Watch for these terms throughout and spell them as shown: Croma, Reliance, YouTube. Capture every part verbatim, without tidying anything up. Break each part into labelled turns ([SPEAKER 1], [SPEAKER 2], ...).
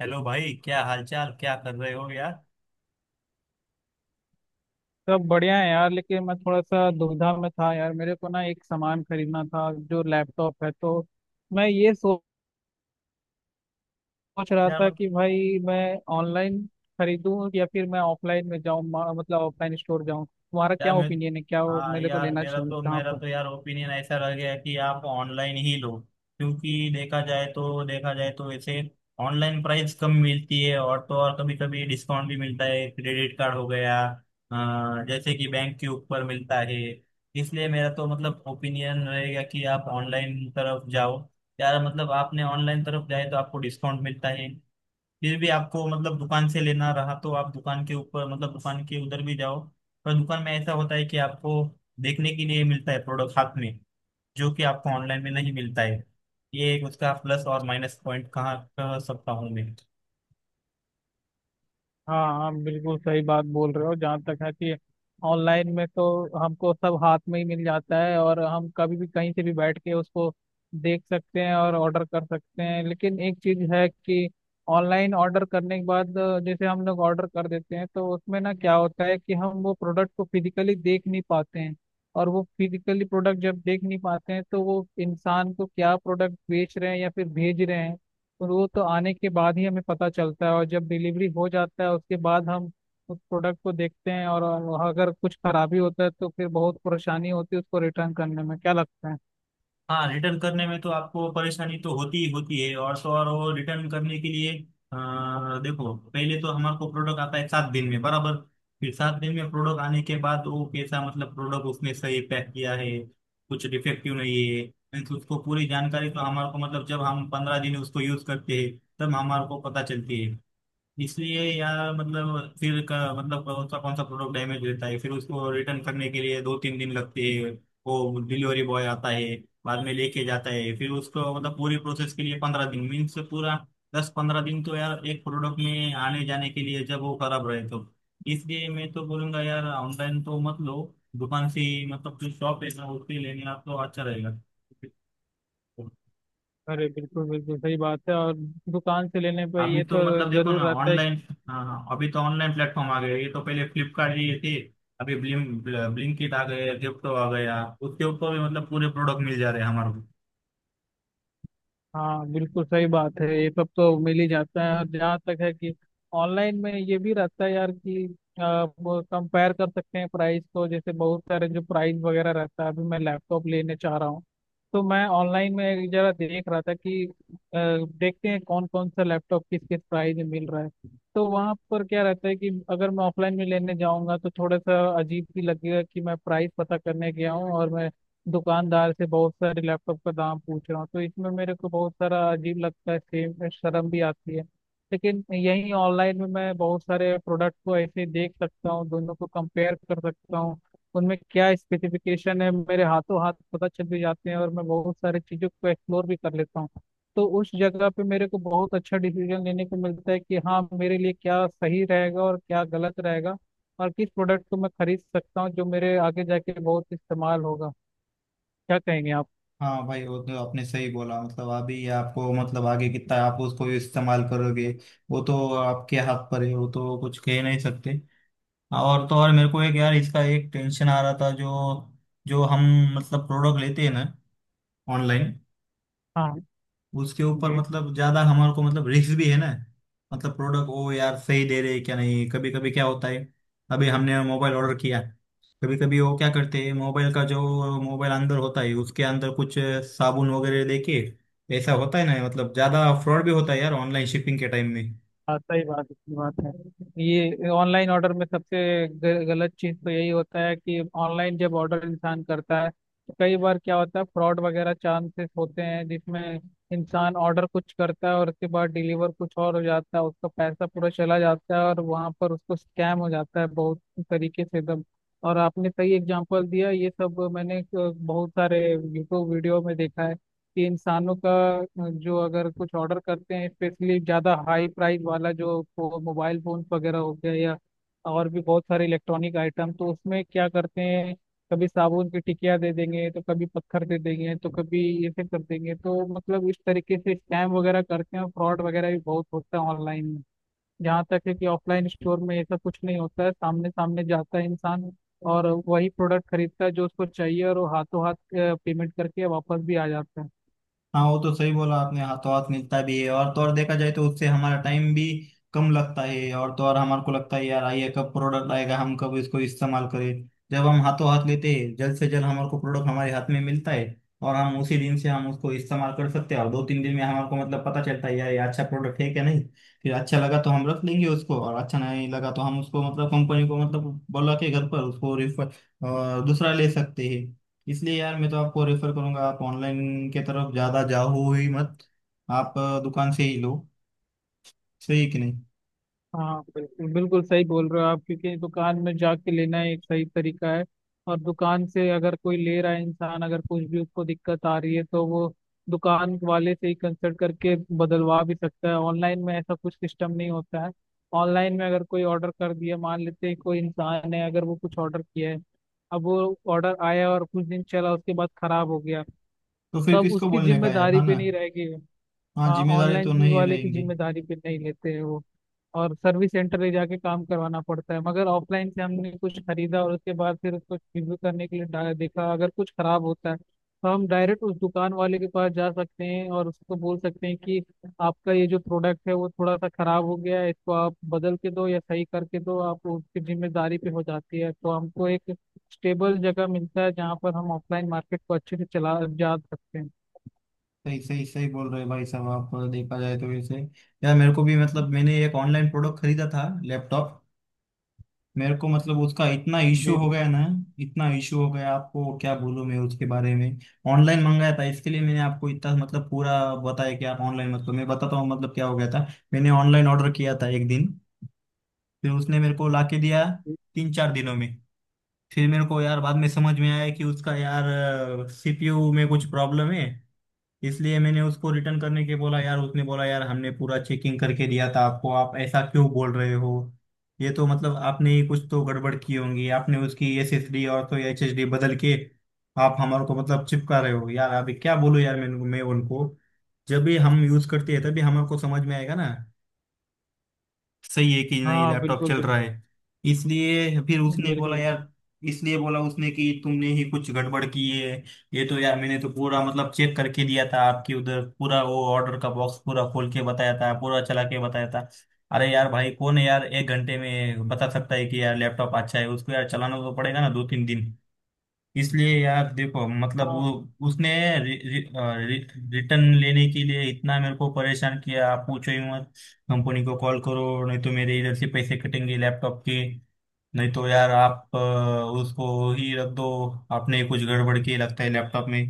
[SPEAKER 1] Hello भाई, क्या हालचाल, क्या कर रहे हो यार।
[SPEAKER 2] सब बढ़िया है यार। लेकिन मैं थोड़ा सा दुविधा में था यार। मेरे को ना एक सामान खरीदना था, जो लैपटॉप है। तो मैं ये सोच रहा
[SPEAKER 1] यार
[SPEAKER 2] था
[SPEAKER 1] मत
[SPEAKER 2] कि भाई मैं ऑनलाइन खरीदूं या फिर मैं ऑफलाइन में जाऊं, मा- मतलब ऑफलाइन स्टोर जाऊं। तुम्हारा
[SPEAKER 1] यार
[SPEAKER 2] क्या
[SPEAKER 1] मैं
[SPEAKER 2] ओपिनियन है, क्या वो
[SPEAKER 1] हाँ
[SPEAKER 2] मेरे को
[SPEAKER 1] यार,
[SPEAKER 2] लेना
[SPEAKER 1] मेरा
[SPEAKER 2] चाहिए,
[SPEAKER 1] तो
[SPEAKER 2] कहाँ
[SPEAKER 1] मेरा
[SPEAKER 2] पर?
[SPEAKER 1] तो यार ओपिनियन ऐसा रह गया है कि आप ऑनलाइन ही लो। क्योंकि देखा जाए तो देखा जाए तो वैसे ऑनलाइन प्राइस कम मिलती है, और तो और कभी कभी डिस्काउंट भी मिलता है, क्रेडिट कार्ड हो गया, अ, जैसे कि बैंक के ऊपर मिलता है। इसलिए मेरा तो मतलब ओपिनियन रहेगा कि आप ऑनलाइन तरफ जाओ। यार मतलब आपने ऑनलाइन तरफ जाए तो आपको डिस्काउंट मिलता है। फिर भी आपको मतलब दुकान से लेना रहा तो आप दुकान के ऊपर मतलब दुकान के उधर भी जाओ। पर दुकान में ऐसा होता है कि आपको देखने के लिए मिलता है प्रोडक्ट हाथ में, जो कि आपको ऑनलाइन में नहीं मिलता है। ये एक उसका प्लस और माइनस पॉइंट कहाँ कह सकता हूँ मैं।
[SPEAKER 2] हाँ हाँ, बिल्कुल सही बात बोल रहे हो। जहाँ तक है कि ऑनलाइन में तो हमको सब हाथ में ही मिल जाता है, और हम कभी भी कहीं से भी बैठ के उसको देख सकते हैं और ऑर्डर कर सकते हैं। लेकिन एक चीज है कि ऑनलाइन ऑर्डर करने के बाद, जैसे हम लोग ऑर्डर कर देते हैं, तो उसमें ना क्या होता है कि हम वो प्रोडक्ट को फिजिकली देख नहीं पाते हैं। और वो फिजिकली प्रोडक्ट जब देख नहीं पाते हैं, तो वो इंसान को क्या प्रोडक्ट बेच रहे हैं या फिर भेज रहे हैं, और वो तो आने के बाद ही हमें पता चलता है। और जब डिलीवरी हो जाता है, उसके बाद हम उस प्रोडक्ट को देखते हैं, और अगर कुछ खराबी होता है तो फिर बहुत परेशानी होती है उसको रिटर्न करने में, क्या लगता है?
[SPEAKER 1] हाँ, रिटर्न करने में तो आपको परेशानी तो होती ही होती है, और तो और वो रिटर्न करने के लिए अ, देखो, पहले तो हमारे को प्रोडक्ट आता है सात दिन में बराबर। फिर सात दिन में प्रोडक्ट आने के बाद वो कैसा मतलब प्रोडक्ट उसने सही पैक किया है, कुछ डिफेक्टिव नहीं है, मीन्स उसको पूरी जानकारी तो हमारे को मतलब जब हम पंद्रह दिन उसको यूज करते हैं तब हमारे को पता चलती है। इसलिए या मतलब फिर का मतलब कौन सा कौन सा प्रोडक्ट डैमेज रहता है, फिर उसको रिटर्न करने के लिए दो तीन दिन लगते हैं। वो डिलीवरी बॉय आता है, बाद में लेके जाता है, फिर उसको मतलब पूरी प्रोसेस के लिए पंद्रह दिन मीन्स पूरा दस पंद्रह दिन तो यार एक प्रोडक्ट में आने जाने के लिए जब वो खराब रहे तो। इसलिए मैं तो बोलूंगा यार ऑनलाइन तो मत लो, दुकान से ही, मतलब जो शॉप है ना उससे लेने आप तो अच्छा रहेगा।
[SPEAKER 2] अरे बिल्कुल बिल्कुल सही बात है, और दुकान से लेने पर
[SPEAKER 1] अभी
[SPEAKER 2] ये
[SPEAKER 1] तो
[SPEAKER 2] तो
[SPEAKER 1] मतलब देखो ना
[SPEAKER 2] जरूर रहता है।
[SPEAKER 1] ऑनलाइन। हाँ हाँ, अभी तो ऑनलाइन प्लेटफॉर्म आ गए, ये तो पहले फ्लिपकार्ट ये थे। अभी ब्लिंक ब्लिंकिट आ गए, जेप्टो आ गया, उसके ऊपर भी मतलब पूरे प्रोडक्ट मिल जा रहे हैं हमारे को।
[SPEAKER 2] हाँ बिल्कुल सही बात है, ये सब तो मिल ही जाता है। और जहाँ तक है कि ऑनलाइन में ये भी रहता है यार कि आप कंपेयर कर सकते हैं प्राइस को। जैसे बहुत सारे जो प्राइस वगैरह रहता है, अभी मैं लैपटॉप लेने चाह रहा हूँ, तो मैं ऑनलाइन में जरा देख रहा था कि अ, देखते हैं कौन कौन सा लैपटॉप किस किस प्राइस में मिल रहा है। तो वहाँ पर क्या रहता है कि अगर मैं ऑफलाइन में लेने जाऊँगा तो थोड़ा सा अजीब भी लगेगा कि मैं प्राइस पता करने गया हूँ और मैं दुकानदार से बहुत सारे लैपटॉप का दाम पूछ रहा हूँ। तो इसमें मेरे को बहुत सारा अजीब लगता है, सेम शर्म भी आती है। लेकिन यहीं ऑनलाइन में मैं बहुत सारे प्रोडक्ट को ऐसे देख सकता हूँ, दोनों को कंपेयर कर सकता हूँ, उनमें क्या स्पेसिफिकेशन है मेरे हाथों हाथ पता चल भी जाते हैं, और मैं बहुत सारी चीज़ों को एक्सप्लोर भी कर लेता हूँ। तो उस जगह पे मेरे को बहुत अच्छा डिसीजन लेने को मिलता है कि हाँ मेरे लिए क्या सही रहेगा और क्या गलत रहेगा, और किस प्रोडक्ट को मैं खरीद सकता हूँ जो मेरे आगे जाके बहुत इस्तेमाल होगा। क्या कहेंगे आप?
[SPEAKER 1] हाँ भाई वो तो आपने सही बोला, मतलब अभी ये आपको मतलब आगे कितना आप उसको इस्तेमाल करोगे वो तो आपके हाथ पर है, वो तो कुछ कह नहीं सकते। और तो और मेरे को एक यार इसका एक टेंशन आ रहा था, जो जो हम मतलब प्रोडक्ट लेते हैं ना ऑनलाइन,
[SPEAKER 2] हाँ।
[SPEAKER 1] उसके ऊपर
[SPEAKER 2] जी।
[SPEAKER 1] मतलब ज्यादा हमारे को मतलब रिस्क भी है ना। मतलब प्रोडक्ट ओ यार सही दे रहे हैं क्या नहीं, कभी कभी क्या होता है, अभी हमने मोबाइल ऑर्डर किया, कभी कभी वो क्या करते हैं मोबाइल का, जो मोबाइल अंदर होता है उसके अंदर कुछ साबुन वगैरह लेके ऐसा होता है ना, मतलब ज्यादा फ्रॉड भी होता है यार ऑनलाइन शिपिंग के टाइम में।
[SPEAKER 2] हाँ सही बात, इसकी बात है। ये ऑनलाइन ऑर्डर में सबसे ग- गलत चीज़ तो यही होता है कि ऑनलाइन जब ऑर्डर इंसान करता है तो कई बार क्या होता है, फ्रॉड वगैरह चांसेस होते हैं, जिसमें इंसान ऑर्डर कुछ करता है और उसके बाद डिलीवर कुछ और हो जाता है, उसका पैसा पूरा चला जाता है और वहाँ पर उसको स्कैम हो जाता है बहुत तरीके से एकदम। और आपने सही एग्जांपल दिया, ये सब मैंने अ, बहुत सारे यूट्यूब वीडियो में देखा है कि इंसानों का अ, जो अगर कुछ ऑर्डर करते हैं स्पेशली ज़्यादा हाई प्राइस वाला, जो फो, मोबाइल फोन वगैरह हो गया या और भी बहुत सारे इलेक्ट्रॉनिक आइटम, तो उसमें क्या करते हैं, कभी साबुन की टिकिया दे देंगे तो कभी पत्थर दे देंगे तो कभी ऐसे कर देंगे। तो मतलब इस तरीके से स्कैम वगैरह करते हैं और फ्रॉड वगैरह भी बहुत होता है ऑनलाइन में। जहाँ तक है कि ऑफलाइन स्टोर में ऐसा कुछ नहीं होता है, सामने सामने जाता है इंसान और वही प्रोडक्ट खरीदता है जो उसको चाहिए, और वो हाथों हाथ पेमेंट करके वापस भी आ जाता है।
[SPEAKER 1] हाँ वो तो सही बोला आपने, हाथों हाथ मिलता भी है, और तो और देखा जाए तो उससे हमारा टाइम भी कम लगता है, और तो और हमारे को लगता है यार आइए कब प्रोडक्ट आएगा हम कब इसको इस्तेमाल करें, जब हम हाथों हाथ लेते हैं जल्द से जल्द हमारे को प्रोडक्ट हमारे हाथ में मिलता है, और हम उसी दिन से हम उसको इस्तेमाल कर सकते हैं, और दो तीन दिन में हमारे को मतलब पता चलता है यार ये अच्छा प्रोडक्ट है क्या नहीं। फिर अच्छा लगा तो हम रख लेंगे उसको, और अच्छा नहीं लगा तो हम उसको मतलब कंपनी को मतलब बोला के घर पर उसको रिफर दूसरा ले सकते हैं। इसलिए यार मैं तो आपको रेफर करूंगा आप ऑनलाइन के तरफ ज्यादा जाओ ही मत। आप अ, दुकान से ही लो, सही कि नहीं।
[SPEAKER 2] हाँ बिल्कुल बिल्कुल सही बोल रहे हो आप, क्योंकि दुकान में जाके लेना एक सही तरीका है। और दुकान से अगर कोई ले रहा है, इंसान अगर कुछ भी उसको दिक्कत आ रही है, तो वो दुकान वाले से ही कंसल्ट करके बदलवा भी सकता है। ऑनलाइन में ऐसा कुछ सिस्टम नहीं होता है। ऑनलाइन में अगर कोई ऑर्डर कर दिया, मान लेते हैं कोई इंसान है, अगर वो कुछ ऑर्डर किया है, अब वो ऑर्डर आया और कुछ दिन चला उसके बाद खराब हो गया,
[SPEAKER 1] तो फिर
[SPEAKER 2] तब
[SPEAKER 1] किसको
[SPEAKER 2] उसकी
[SPEAKER 1] बोलने का यार
[SPEAKER 2] जिम्मेदारी
[SPEAKER 1] है
[SPEAKER 2] पे
[SPEAKER 1] ना।
[SPEAKER 2] नहीं रहेगी।
[SPEAKER 1] हाँ,
[SPEAKER 2] हाँ,
[SPEAKER 1] जिम्मेदारी
[SPEAKER 2] ऑनलाइन
[SPEAKER 1] तो नहीं
[SPEAKER 2] वाले की
[SPEAKER 1] रहेंगी।
[SPEAKER 2] जिम्मेदारी पे नहीं लेते हैं वो, और सर्विस सेंटर ले जाके काम करवाना पड़ता है। मगर ऑफलाइन से हमने कुछ खरीदा और उसके बाद फिर उसको रिव्यू करने के लिए डा- देखा, अगर कुछ खराब होता है तो हम डायरेक्ट उस दुकान वाले के पास जा सकते हैं और उसको बोल सकते हैं कि आपका ये जो प्रोडक्ट है वो थोड़ा सा खराब हो गया है, इसको आप बदल के दो या सही करके दो। आप उसकी जिम्मेदारी पे हो जाती है, तो हमको एक स्टेबल जगह मिलता है जहाँ पर हम ऑफलाइन मार्केट को अच्छे से चला जा सकते हैं।
[SPEAKER 1] सही सही सही बोल रहे हैं भाई साहब आप, देखा जाए तो वैसे यार मेरे को भी मतलब मैंने एक ऑनलाइन प्रोडक्ट खरीदा था लैपटॉप। मेरे को मतलब उसका इतना इशू
[SPEAKER 2] जी।
[SPEAKER 1] हो गया ना, इतना इशू हो गया आपको क्या बोलूं मैं उसके बारे में। ऑनलाइन मंगाया था, इसके लिए मैंने आपको इतना मतलब पूरा बताया कि आप ऑनलाइन मत करो, मैं बताता हूँ मतलब क्या हो गया था। मैंने ऑनलाइन ऑर्डर किया था एक दिन, फिर उसने मेरे को लाके दिया तीन चार दिनों में। फिर मेरे को यार बाद में समझ में आया कि उसका यार सी पी यू में कुछ प्रॉब्लम है। इसलिए मैंने उसको रिटर्न करने के बोला यार, उसने बोला यार हमने पूरा चेकिंग करके दिया था आपको आप ऐसा क्यों बोल रहे हो। ये तो मतलब आपने ही कुछ तो गड़बड़ की होगी, आपने उसकी एस एस डी और तो एच एस डी बदल के आप हमारे को मतलब चिपका रहे हो यार। अभी क्या बोलूं यार मैं मैं उनको, जब भी हम यूज करते हैं तभी हमारे को समझ में आएगा ना, सही है कि नहीं
[SPEAKER 2] हाँ
[SPEAKER 1] लैपटॉप
[SPEAKER 2] बिल्कुल
[SPEAKER 1] चल रहा
[SPEAKER 2] बिल्कुल
[SPEAKER 1] है। इसलिए फिर उसने बोला
[SPEAKER 2] बिल्कुल।
[SPEAKER 1] यार, इसलिए बोला उसने कि तुमने ही कुछ गड़बड़ की है। ये तो यार मैंने तो पूरा मतलब चेक करके दिया था आपके उधर पूरा, वो ऑर्डर का बॉक्स पूरा खोल के बताया था, पूरा चला के बताया था। अरे यार भाई कौन है यार एक घंटे में बता सकता है कि यार लैपटॉप अच्छा है, उसको यार चलाना तो पड़ेगा ना दो तीन दिन। इसलिए यार देखो मतलब वो
[SPEAKER 2] हाँ
[SPEAKER 1] उसने रि, रि, अ, रि, रिटर्न लेने के लिए इतना मेरे को परेशान किया, आप पूछो ही मत। कंपनी को कॉल करो नहीं तो मेरे इधर से पैसे कटेंगे लैपटॉप के, नहीं तो यार आप अ, उसको ही रख दो, आपने कुछ गड़बड़ की लगता है लैपटॉप में।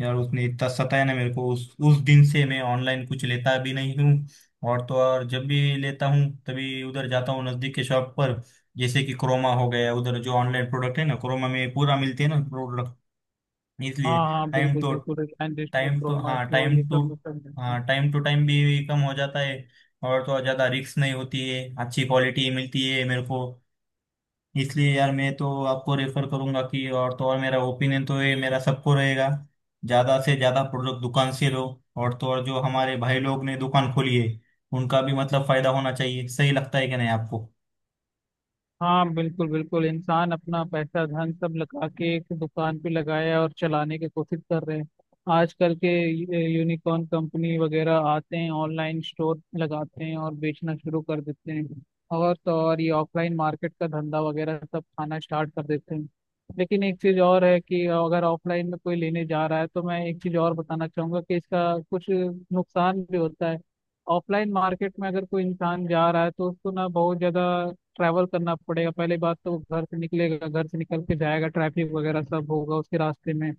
[SPEAKER 1] यार उसने इतना सताया ना मेरे को उस उस दिन से मैं ऑनलाइन कुछ लेता भी नहीं हूँ। और तो और जब भी लेता हूँ तभी उधर जाता हूँ नज़दीक के शॉप पर, जैसे कि क्रोमा हो गया, उधर जो ऑनलाइन प्रोडक्ट है ना क्रोमा में पूरा मिलते हैं ना प्रोडक्ट।
[SPEAKER 2] हाँ,
[SPEAKER 1] इसलिए
[SPEAKER 2] हाँ
[SPEAKER 1] टाइम
[SPEAKER 2] बिल्कुल
[SPEAKER 1] तो
[SPEAKER 2] बिल्कुल, Reliance store,
[SPEAKER 1] time to
[SPEAKER 2] Croma
[SPEAKER 1] हाँ
[SPEAKER 2] स्टोर, ये
[SPEAKER 1] टाइम टू
[SPEAKER 2] सब मैं सब देखता हूँ।
[SPEAKER 1] हाँ टाइम टू टाइम भी कम हो जाता है, और तो और ज़्यादा रिस्क नहीं होती है, अच्छी क्वालिटी मिलती है मेरे को। इसलिए यार मैं तो आपको रेफर करूंगा कि और तो और मेरा ओपिनियन तो ये मेरा सबको रहेगा, ज्यादा से ज्यादा प्रोडक्ट दुकान से लो। और तो और जो हमारे भाई लोग ने दुकान खोली है उनका भी मतलब फायदा होना चाहिए, सही लगता है कि नहीं आपको।
[SPEAKER 2] हाँ बिल्कुल बिल्कुल, इंसान अपना पैसा धन सब लगा के एक दुकान पे लगाया और चलाने की कोशिश कर रहे हैं। आजकल के यूनिकॉर्न कंपनी वगैरह आते हैं, ऑनलाइन स्टोर लगाते हैं और बेचना शुरू कर देते हैं, और तो और ये ऑफलाइन मार्केट का धंधा वगैरह सब खाना स्टार्ट कर देते हैं। लेकिन एक चीज़ और है कि अगर ऑफलाइन में कोई लेने जा रहा है, तो मैं एक चीज़ और बताना चाहूंगा कि इसका कुछ नुकसान भी होता है। ऑफलाइन मार्केट में अगर कोई इंसान जा रहा है, तो उसको ना बहुत ज़्यादा ट्रैवल करना पड़ेगा। पहले बात तो वो घर से निकलेगा, घर से निकल के जाएगा, ट्रैफिक वगैरह सब होगा उसके रास्ते में,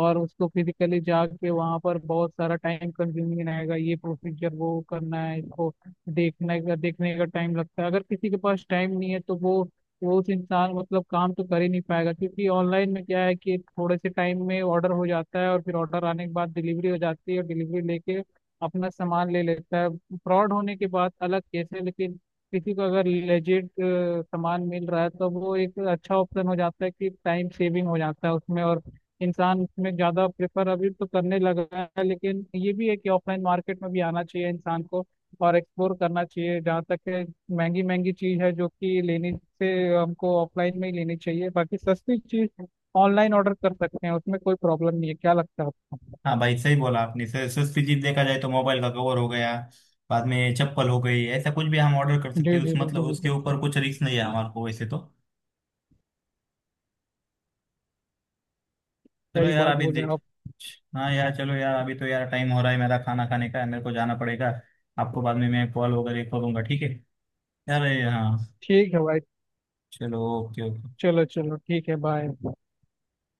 [SPEAKER 2] और उसको फिजिकली जाके वहां पर बहुत सारा टाइम कंज्यूमिंग रहेगा, ये प्रोसीजर वो करना है इसको। देखने का देखने का टाइम लगता है, अगर किसी के पास टाइम नहीं है तो वो वो उस इंसान मतलब काम तो कर ही नहीं पाएगा। क्योंकि ऑनलाइन में क्या है कि थोड़े से टाइम में ऑर्डर हो जाता है, और फिर ऑर्डर आने के बाद डिलीवरी हो जाती है और डिलीवरी लेके अपना सामान ले लेता है। फ्रॉड होने के बाद अलग केस है, लेकिन किसी को अगर लेजिट सामान मिल रहा है तो वो एक अच्छा ऑप्शन हो जाता है कि टाइम सेविंग हो जाता है उसमें, और इंसान उसमें ज्यादा प्रेफर अभी तो करने लगा है। लेकिन ये भी है कि ऑफलाइन मार्केट में भी आना चाहिए इंसान को, और एक्सप्लोर करना चाहिए। जहाँ तक है, महंगी महंगी चीज है जो कि लेने से हमको ऑफलाइन में ही लेनी चाहिए, बाकी सस्ती चीज ऑनलाइन ऑर्डर कर सकते हैं, उसमें कोई प्रॉब्लम नहीं है। क्या लगता है आपको?
[SPEAKER 1] हाँ भाई सही बोला आपने, स- सस्ती चीज देखा जाए तो मोबाइल का कवर हो गया, बाद में चप्पल हो गई, ऐसा कुछ भी हम ऑर्डर कर सकते
[SPEAKER 2] जी
[SPEAKER 1] हैं उस
[SPEAKER 2] जी
[SPEAKER 1] मतलब
[SPEAKER 2] बिल्कुल
[SPEAKER 1] उसके
[SPEAKER 2] बिल्कुल।
[SPEAKER 1] ऊपर कुछ रिस्क नहीं है हमारे को वैसे तो। चलो
[SPEAKER 2] सही
[SPEAKER 1] यार
[SPEAKER 2] बात
[SPEAKER 1] अभी
[SPEAKER 2] बोले
[SPEAKER 1] देख
[SPEAKER 2] आप।
[SPEAKER 1] हाँ यार, चलो यार अभी तो यार टाइम हो रहा है मेरा खाना खाने का, मेरे को जाना पड़ेगा। आपको बाद में मैं कॉल वगैरह करूँगा, ठीक है। यार ये, हाँ,
[SPEAKER 2] ठीक है भाई।
[SPEAKER 1] चलो ओके ओके।
[SPEAKER 2] चलो चलो, ठीक है, बाय।